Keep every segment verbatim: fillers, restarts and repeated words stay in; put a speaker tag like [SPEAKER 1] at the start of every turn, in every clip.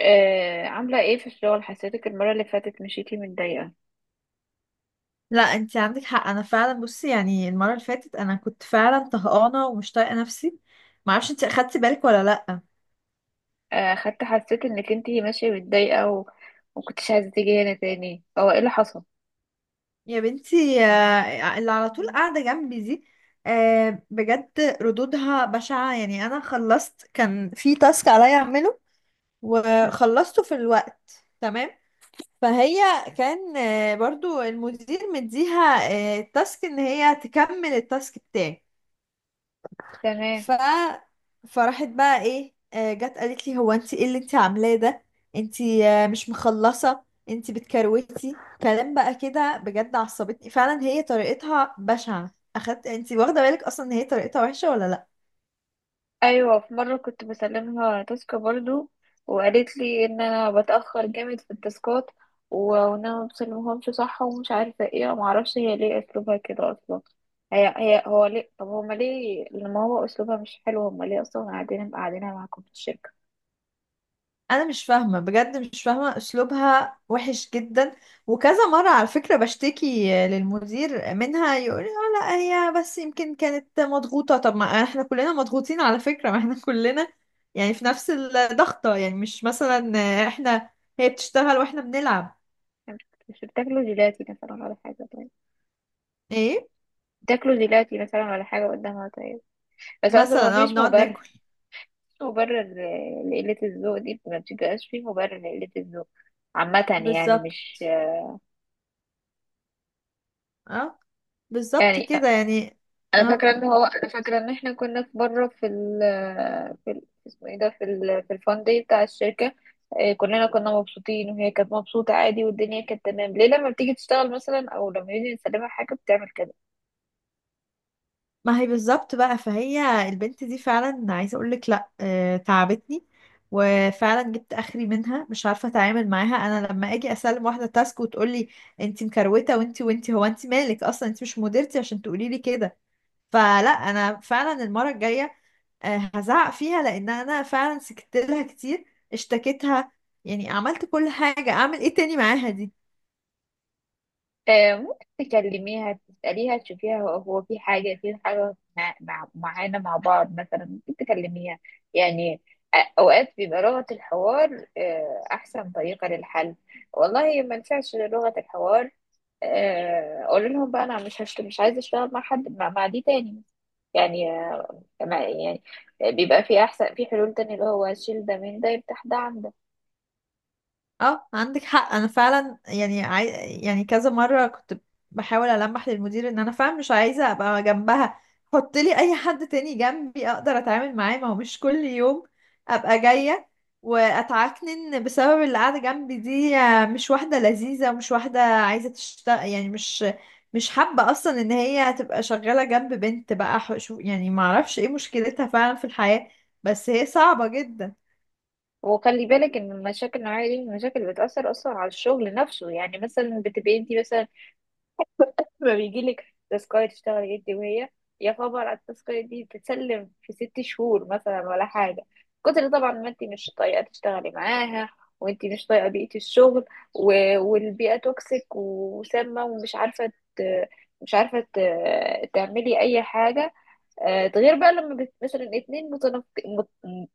[SPEAKER 1] آه، عاملة ايه في الشغل؟ حسيتك المرة اللي فاتت مشيتي متضايقة.
[SPEAKER 2] لا، انت عندك حق. انا فعلا، بصي يعني المره اللي فاتت انا كنت فعلا طهقانه ومش طايقه نفسي. ما اعرفش انت اخدتي بالك ولا لا.
[SPEAKER 1] آه، خدت. حسيت انك انتي ماشية متضايقة و... ومكنتيش عايزة تيجي هنا تاني. هو ايه اللي حصل؟
[SPEAKER 2] يا بنتي، آه، اللي على طول قاعده جنبي دي، آه، بجد، ردودها بشعه. يعني انا خلصت، كان في تاسك عليا اعمله
[SPEAKER 1] م.
[SPEAKER 2] وخلصته في الوقت تمام. فهي كان آه، برضو المدير مديها آه، التاسك، ان هي تكمل التاسك بتاعي.
[SPEAKER 1] تمام.
[SPEAKER 2] ف فراحت بقى ايه، آه، جت قالت لي: هو انت ايه اللي انت عاملاه ده؟ انت آه، مش مخلصه، انت بتكروتي. كلام بقى كده بجد عصبتني. فعلا هي طريقتها بشعه. اخدت انت واخده بالك اصلا ان هي طريقتها وحشه ولا لا؟
[SPEAKER 1] ايوه، في مرة كنت بسلمها تاسكة برضو، وقالت لي ان انا بتأخر جامد في التاسكات، و- وان انا مبسلمهمش صح ومش عارفة ايه. معرفش هي ليه اسلوبها كده اصلا. هي هي هو ليه طب هما ليه، لما هو اسلوبها مش حلو، هما ليه اصلا قاعدين قاعدينها معاكم في الشركة؟
[SPEAKER 2] انا مش فاهمه، بجد مش فاهمه، اسلوبها وحش جدا. وكذا مره على فكره بشتكي للمدير منها يقول لي: اه لا، هي بس يمكن كانت مضغوطه. طب ما احنا كلنا مضغوطين على فكره، ما احنا كلنا يعني في نفس الضغطه. يعني مش مثلا احنا هي بتشتغل واحنا بنلعب.
[SPEAKER 1] مش بتاكلوا جيلاتي مثلا ولا حاجة؟ طيب.
[SPEAKER 2] ايه؟
[SPEAKER 1] بتاكلوا جيلاتي مثلا ولا حاجة قدامها؟ طيب، بس أصلا ما
[SPEAKER 2] مثلا اه
[SPEAKER 1] فيش
[SPEAKER 2] بنقعد
[SPEAKER 1] مبرر.
[SPEAKER 2] ناكل.
[SPEAKER 1] مفيش مبرر ل- لقلة الذوق دي. ما بتبقاش فيه مبرر لقلة الذوق عامة. يعني
[SPEAKER 2] بالظبط.
[SPEAKER 1] مش
[SPEAKER 2] اه، بالظبط
[SPEAKER 1] يعني
[SPEAKER 2] كده يعني.
[SPEAKER 1] أنا
[SPEAKER 2] اه.
[SPEAKER 1] فاكرة إن هو أنا فاكرة إن إحنا كنا في مرة في ال في ال- اسمه إيه ده، في ال في الفان داي بتاع الشركة. آه، كلنا كنا مبسوطين وهي كانت مبسوطة عادي والدنيا كانت تمام. ليه لما بتيجي تشتغل مثلا أو لما يجي يسلمها حاجة بتعمل كده؟
[SPEAKER 2] ما هي بالظبط بقى. فهي البنت دي فعلا عايزه اقول لك، لا آه، تعبتني. وفعلا جبت اخري منها، مش عارفه اتعامل معاها. انا لما اجي اسلم واحده تاسك وتقول لي: انت مكروته وانت وانت. هو انت مالك اصلا؟ انت مش مديرتي عشان تقولي لي كده. فلا، انا فعلا المره الجايه آه، هزعق فيها، لان انا فعلا سكت لها كتير، اشتكيتها، يعني عملت كل حاجه. اعمل ايه تاني معاها دي؟
[SPEAKER 1] آه، ممكن تكلميها، تسأليها، تشوفيها. هو هو في حاجة في حاجة مع مع- معانا مع بعض مثلا؟ ممكن تكلميها. يعني آه، أوقات بيبقى لغة الحوار آه، أحسن طريقة للحل. والله ما نفعش غير لغة الحوار. آه، أقول لهم بقى أنا مش هشت... مش عايزة أشتغل مع حد مع, مع دي تاني. يعني آه، ما- يعني بيبقى في أحسن في حلول تانية، اللي هو شيل ده من ده، يفتح ده عن ده.
[SPEAKER 2] اه عندك حق. انا فعلا يعني عاي... يعني كذا مره كنت بحاول المح للمدير ان انا فعلا مش عايزه ابقى جنبها. حط لي اي حد تاني جنبي اقدر اتعامل معاه. ما هو مش كل يوم ابقى جايه واتعكنن بسبب اللي قاعده جنبي دي. آه، مش واحده لذيذه ومش واحده عايزه تشتغل، يعني مش مش حابه اصلا ان هي تبقى شغاله جنب بنت بقى. ح- شو يعني، ما اعرفش ايه مشكلتها فعلا في الحياه، بس هي صعبه جدا.
[SPEAKER 1] وخلي بالك ان المشاكل النوعيه دي من المشاكل اللي بتاثر اصلا على الشغل نفسه. يعني مثلا بتبقي انت مثلا لما بيجي لك تاسكايه تشتغلي انت وهي، يا خبر على التاسكايه دي، تتسلم في ست شهور مثلا ولا حاجه. كتر طبعا، ما انت مش طايقه تشتغلي معاها، وانت مش طايقه بيئه الشغل، و... والبيئه توكسيك وسامه، ومش عارفه ت... مش عارفه ت... تعملي اي حاجه. آه، ده غير بقى لما بت- مثلا اتنين متنف... مت...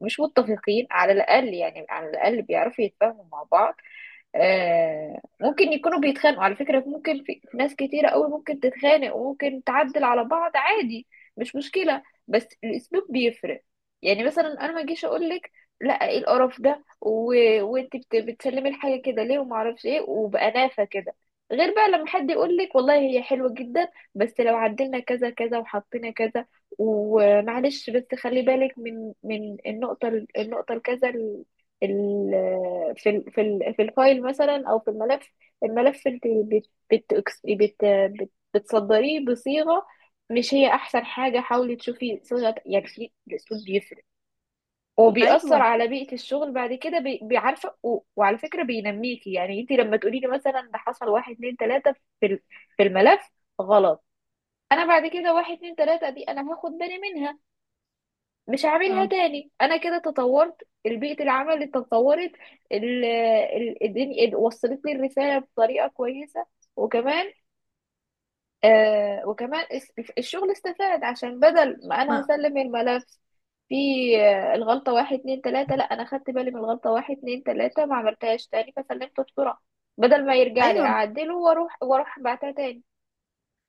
[SPEAKER 1] مش متفقين. على الأقل، يعني على الأقل بيعرفوا يتفاهموا مع بعض. آه، ممكن يكونوا بيتخانقوا على فكرة، ممكن في في ناس كتيرة قوي ممكن تتخانق وممكن تعدل على بعض عادي. مش مشكلة. بس الأسلوب بيفرق. يعني مثلا أنا ما أجيش أقول لك لا، إيه القرف ده و... وأنت بت... بتسلمي الحاجة كده ليه، وما أعرفش إيه، وبأنافة كده. غير بقى لما حد يقول لك والله هي حلوة جدا، بس لو عدلنا كذا كذا وحطينا كذا، ومعلش بس خلي بالك من من النقطة، النقطة الكذا، ال- في ال في ال في الفايل مثلا، او في الملف. الملف انت بت بت بت بت بتصدريه بصيغه مش هي احسن حاجه. حاولي تشوفي صيغه. يعني في الاسلوب بيفرق، وبيأثر
[SPEAKER 2] ايوه.
[SPEAKER 1] على بيئه الشغل بعد كده. بي- بيعرفه و- وعلى فكره بينميكي. يعني انت لما تقولي لي مثلا ده حصل واحد اتنين تلاته في ال- في الملف غلط، انا بعد كده واحد اتنين تلاته دي انا هاخد بالي منها، مش هعملها
[SPEAKER 2] اه
[SPEAKER 1] تاني. انا كده تطورت، البيئة العمل اللي تطورت. ال- ال- الدنيا ال- وصلت لي الرسالة بطريقة كويسة. وكمان آه وكمان اس- الشغل استفاد، عشان بدل ما انا
[SPEAKER 2] ما
[SPEAKER 1] هسلم الملف في آه، الغلطة واحد اتنين تلاتة، لا انا خدت بالي من الغلطة واحد اتنين تلاتة ما عملتهاش تاني، فسلمته بسرعة، بدل ما يرجع لي
[SPEAKER 2] ايوه،
[SPEAKER 1] اعدله واروح واروح بعتها تاني.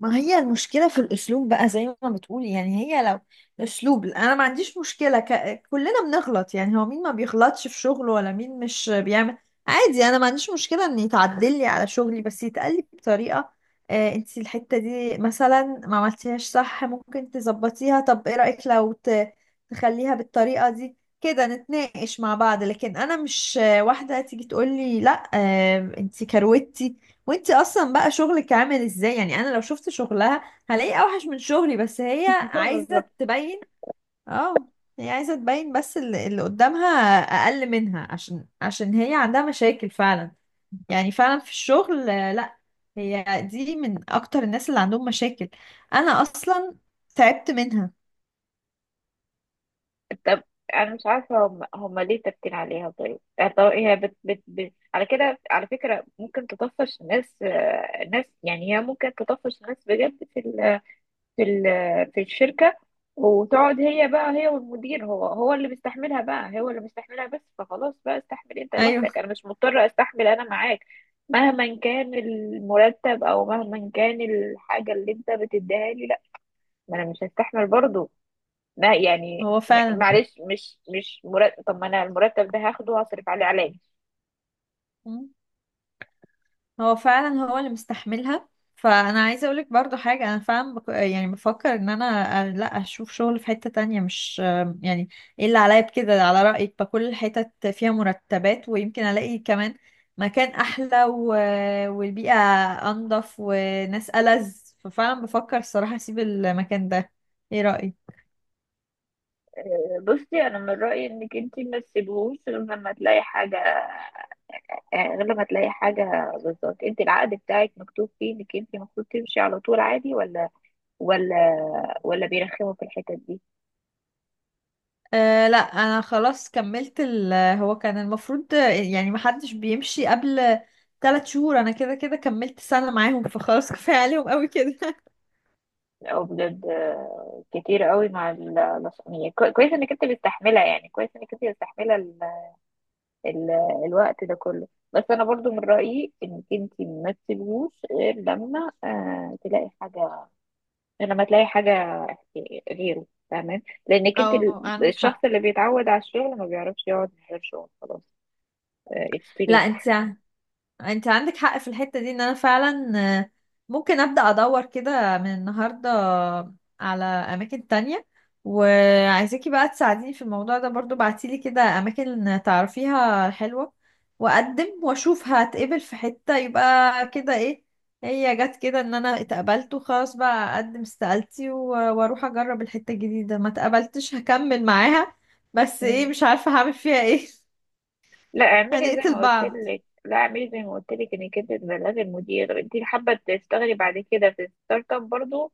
[SPEAKER 2] ما هي المشكلة في الأسلوب بقى زي ما بتقولي. يعني هي لو الأسلوب، أنا ما عنديش مشكلة. ك... كلنا بنغلط. يعني هو مين ما بيغلطش في شغله، ولا مين مش بيعمل؟ عادي. أنا ما عنديش مشكلة إن يتعدل لي على شغلي، بس يتقال لي بطريقة. آه، أنت الحتة دي مثلا ما عملتيهاش صح، ممكن تظبطيها. طب إيه رأيك لو ت... تخليها بالطريقة دي كده، نتناقش مع بعض. لكن أنا مش آه، واحدة تيجي تقول لي: لا آه، أنت كروتي وانتي اصلا بقى شغلك عامل ازاي؟ يعني انا لو شفت شغلها هلاقي اوحش من شغلي، بس هي عايزة تبين. اه. هي عايزة تبين بس اللي اللي قدامها اقل منها. عشان عشان هي عندها مشاكل فعلا، يعني فعلا في الشغل. آه، لا، هي دي من اكتر الناس اللي عندهم مشاكل. انا اصلا تعبت منها.
[SPEAKER 1] طب انا مش عارفه هم هم ليه ثابتين عليها؟ طيب، يعني طب هي بت بت بت على كده، على فكره ممكن تطفش ناس، آه، ناس، يعني هي ممكن تطفش ناس بجد في ال في ال في الشركه. وتقعد هي، بقى هي والمدير، هو هو اللي بيستحملها، بقى هو اللي بيستحملها بس. فخلاص بقى، استحمل انت
[SPEAKER 2] ايوه.
[SPEAKER 1] لوحدك، انا مش مضطره استحمل انا معاك، مهما كان المرتب، او مهما كان الحاجه اللي انت بتديها لي. لا، ما انا مش هستحمل برضه. لا يعني
[SPEAKER 2] هو
[SPEAKER 1] م-
[SPEAKER 2] فعلا.
[SPEAKER 1] معلش، مش مش مرتب. طب ما انا المرتب ده هاخده وهصرف عليه علاج.
[SPEAKER 2] هو فعلا هو اللي مستحملها. فانا عايزه اقولك برضو حاجه، انا فعلا بك... يعني بفكر ان انا أ- لا، اشوف شغل في حته تانية مش يعني، ايه اللي عليا بكده؟ على رايك بكل الحتت فيها مرتبات، ويمكن الاقي كمان مكان احلى و... والبيئه انضف وناس ألذ. ففعلا بفكر الصراحه اسيب المكان ده. ايه رايك؟
[SPEAKER 1] آه، بصي انا من رايي انك انت ما تسيبهوش غير لما تلاقي حاجه. آه، غير لما تلاقي حاجه بالظبط. انت العقد بتاعك مكتوب فيه انك انت المفروض تمشي على طول عادي؟ ولا، ولا، ولا بيرخموا في الحتت دي؟
[SPEAKER 2] أه لا، انا خلاص كملت ال هو كان المفروض آه، يعني محدش بيمشي قبل ثلاث شهور. انا كده كده كملت سنة معاهم، فخلاص كفاية عليهم قوي كده
[SPEAKER 1] او بجد آه، كتير قوي. مع ال- الأس- يعني كو- كويس انك انت مستحمله، يعني كويس انك انت مستحمله ال- الوقت ده كله. بس انا برضو من رأيي انك انت ما تسيبهوش غير لما آه تلاقي حاجة، لما تلاقي حاجة غيره. تمام، لانك انت
[SPEAKER 2] اه
[SPEAKER 1] ال-
[SPEAKER 2] عندك
[SPEAKER 1] الشخص
[SPEAKER 2] حق.
[SPEAKER 1] اللي بيتعود على الشغل ما بيعرفش يقعد من غير شغل خلاص. اتس تو
[SPEAKER 2] لا
[SPEAKER 1] ليت.
[SPEAKER 2] انت انت عندك حق في الحتة دي ان انا فعلا آه، ممكن ابدأ ادور كده من النهاردة على اماكن تانية. وعايزاكي بقى تساعديني في الموضوع ده برضو، بعتيلي كده اماكن تعرفيها حلوة واقدم واشوف. هتقبل في حتة يبقى كده ايه، هي جت كده ان انا اتقبلت وخلاص بقى اقدم استقالتي و- واروح اجرب الحتة الجديدة. ما اتقبلتش هكمل معاها، بس ايه مش عارفة هعمل فيها ايه
[SPEAKER 1] لا اعملي زي ما
[SPEAKER 2] هنقتل
[SPEAKER 1] قلت
[SPEAKER 2] بعض.
[SPEAKER 1] لك، لا اعملي زي ما قلت لك انك انت تبلغي المدير انت حابة تشتغلي بعد كده في ستارت اب برضو،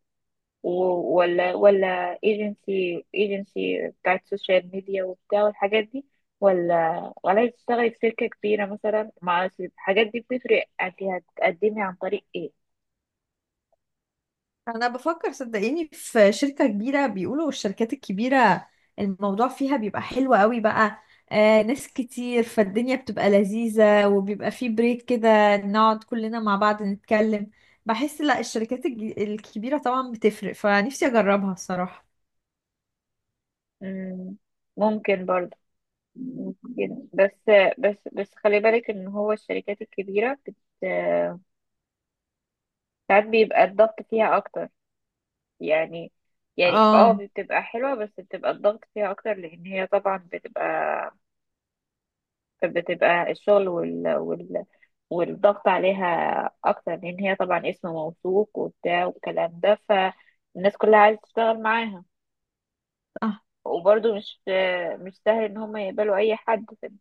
[SPEAKER 1] و- ولا ولا ايجنسي ايجنسي بتاعت سوشيال ميديا وبتاع والحاجات دي، ولا ولا تشتغلي في شركة كبيرة مثلا مع الحاجات دي. بتفرق. انت هتقدمي عن طريق ايه؟
[SPEAKER 2] انا بفكر صدقيني في شركة كبيرة، بيقولوا الشركات الكبيرة الموضوع فيها بيبقى حلو قوي بقى. آه ناس كتير فالدنيا بتبقى لذيذة، وبيبقى فيه بريك كده نقعد كلنا مع بعض نتكلم. بحس لا، الشركات الج- الكبيرة طبعا بتفرق، فنفسي اجربها الصراحة.
[SPEAKER 1] مم، ممكن برضه، ممكن. بس بس بس خلي بالك ان هو الشركات الكبيرة بت ساعات بيبقى الضغط فيها اكتر. يعني، يعني اه
[SPEAKER 2] اه
[SPEAKER 1] بتبقى حلوة بس بتبقى الضغط فيها اكتر، لان هي طبعا بتبقى، بتبقى الشغل وال... وال... والضغط عليها اكتر، لان هي طبعا اسم موثوق وبتاع والكلام ده، فالناس كلها عايزة تشتغل معاها. وبرضه مش، مش سهل ان هم يقبلوا اي حد. فانت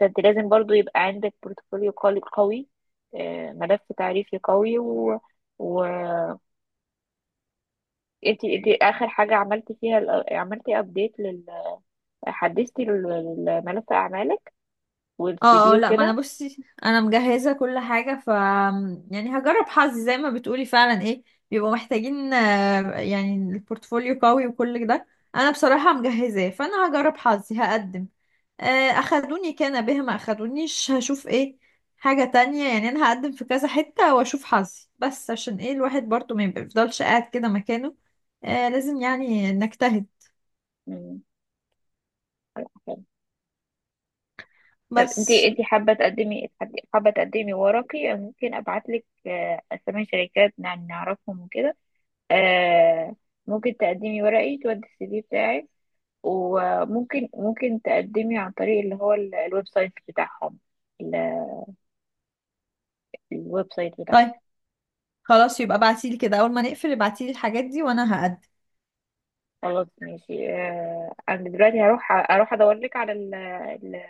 [SPEAKER 1] فانت لازم برضه يبقى عندك بورتفوليو قوي قوي، آه، ملف تعريفي قوي. و و انت انت اخر حاجه عملتي فيها ال- عملتي ابديت لل حدثتي لل- لملف اعمالك والسي
[SPEAKER 2] اه
[SPEAKER 1] في
[SPEAKER 2] اه، لا، ما انا،
[SPEAKER 1] وكده؟
[SPEAKER 2] بصي انا مجهزه كل حاجه، ف يعني هجرب حظي زي ما بتقولي فعلا. ايه بيبقوا محتاجين، آه، يعني البورتفوليو قوي وكل ده، انا بصراحه مجهزاه. فانا هجرب حظي هقدم. آه، اخدوني كان بها، ما اخدونيش هشوف ايه حاجه تانية. يعني انا هقدم في كذا حته واشوف حظي، بس عشان ايه، الواحد برضو ما يفضلش قاعد كده مكانه. آه، لازم يعني نجتهد.
[SPEAKER 1] مم. طب انتي
[SPEAKER 2] بس.
[SPEAKER 1] انتي حابة تقدمي، حابة تقدمي ورقي؟ أنا ممكن ابعتلك آه، اسامي شركات نع- نعرفهم وكده. آه، ممكن تقدمي ورقي، تودي السي في بتاعك، وممكن ممكن تقدمي عن طريق اللي هو ال- الويب سايت بتاعهم، ال- الويب سايت بتاعهم.
[SPEAKER 2] طيب. خلاص يبقى ابعتيلي كده، اول ما نقفل ابعتيلي الحاجات دي وانا هقدم.
[SPEAKER 1] خلاص ماشي. آه، انا دلوقتي هروح، اروح ادور لك على ال ال-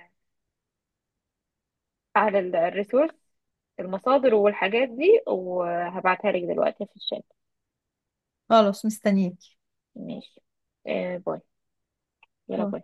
[SPEAKER 1] على ال- الريسورس، المصادر والحاجات دي، وهبعتها لك دلوقتي في الشات.
[SPEAKER 2] خلاص مستنيك.
[SPEAKER 1] ماشي. آه، باي. يلا
[SPEAKER 2] باي.
[SPEAKER 1] باي.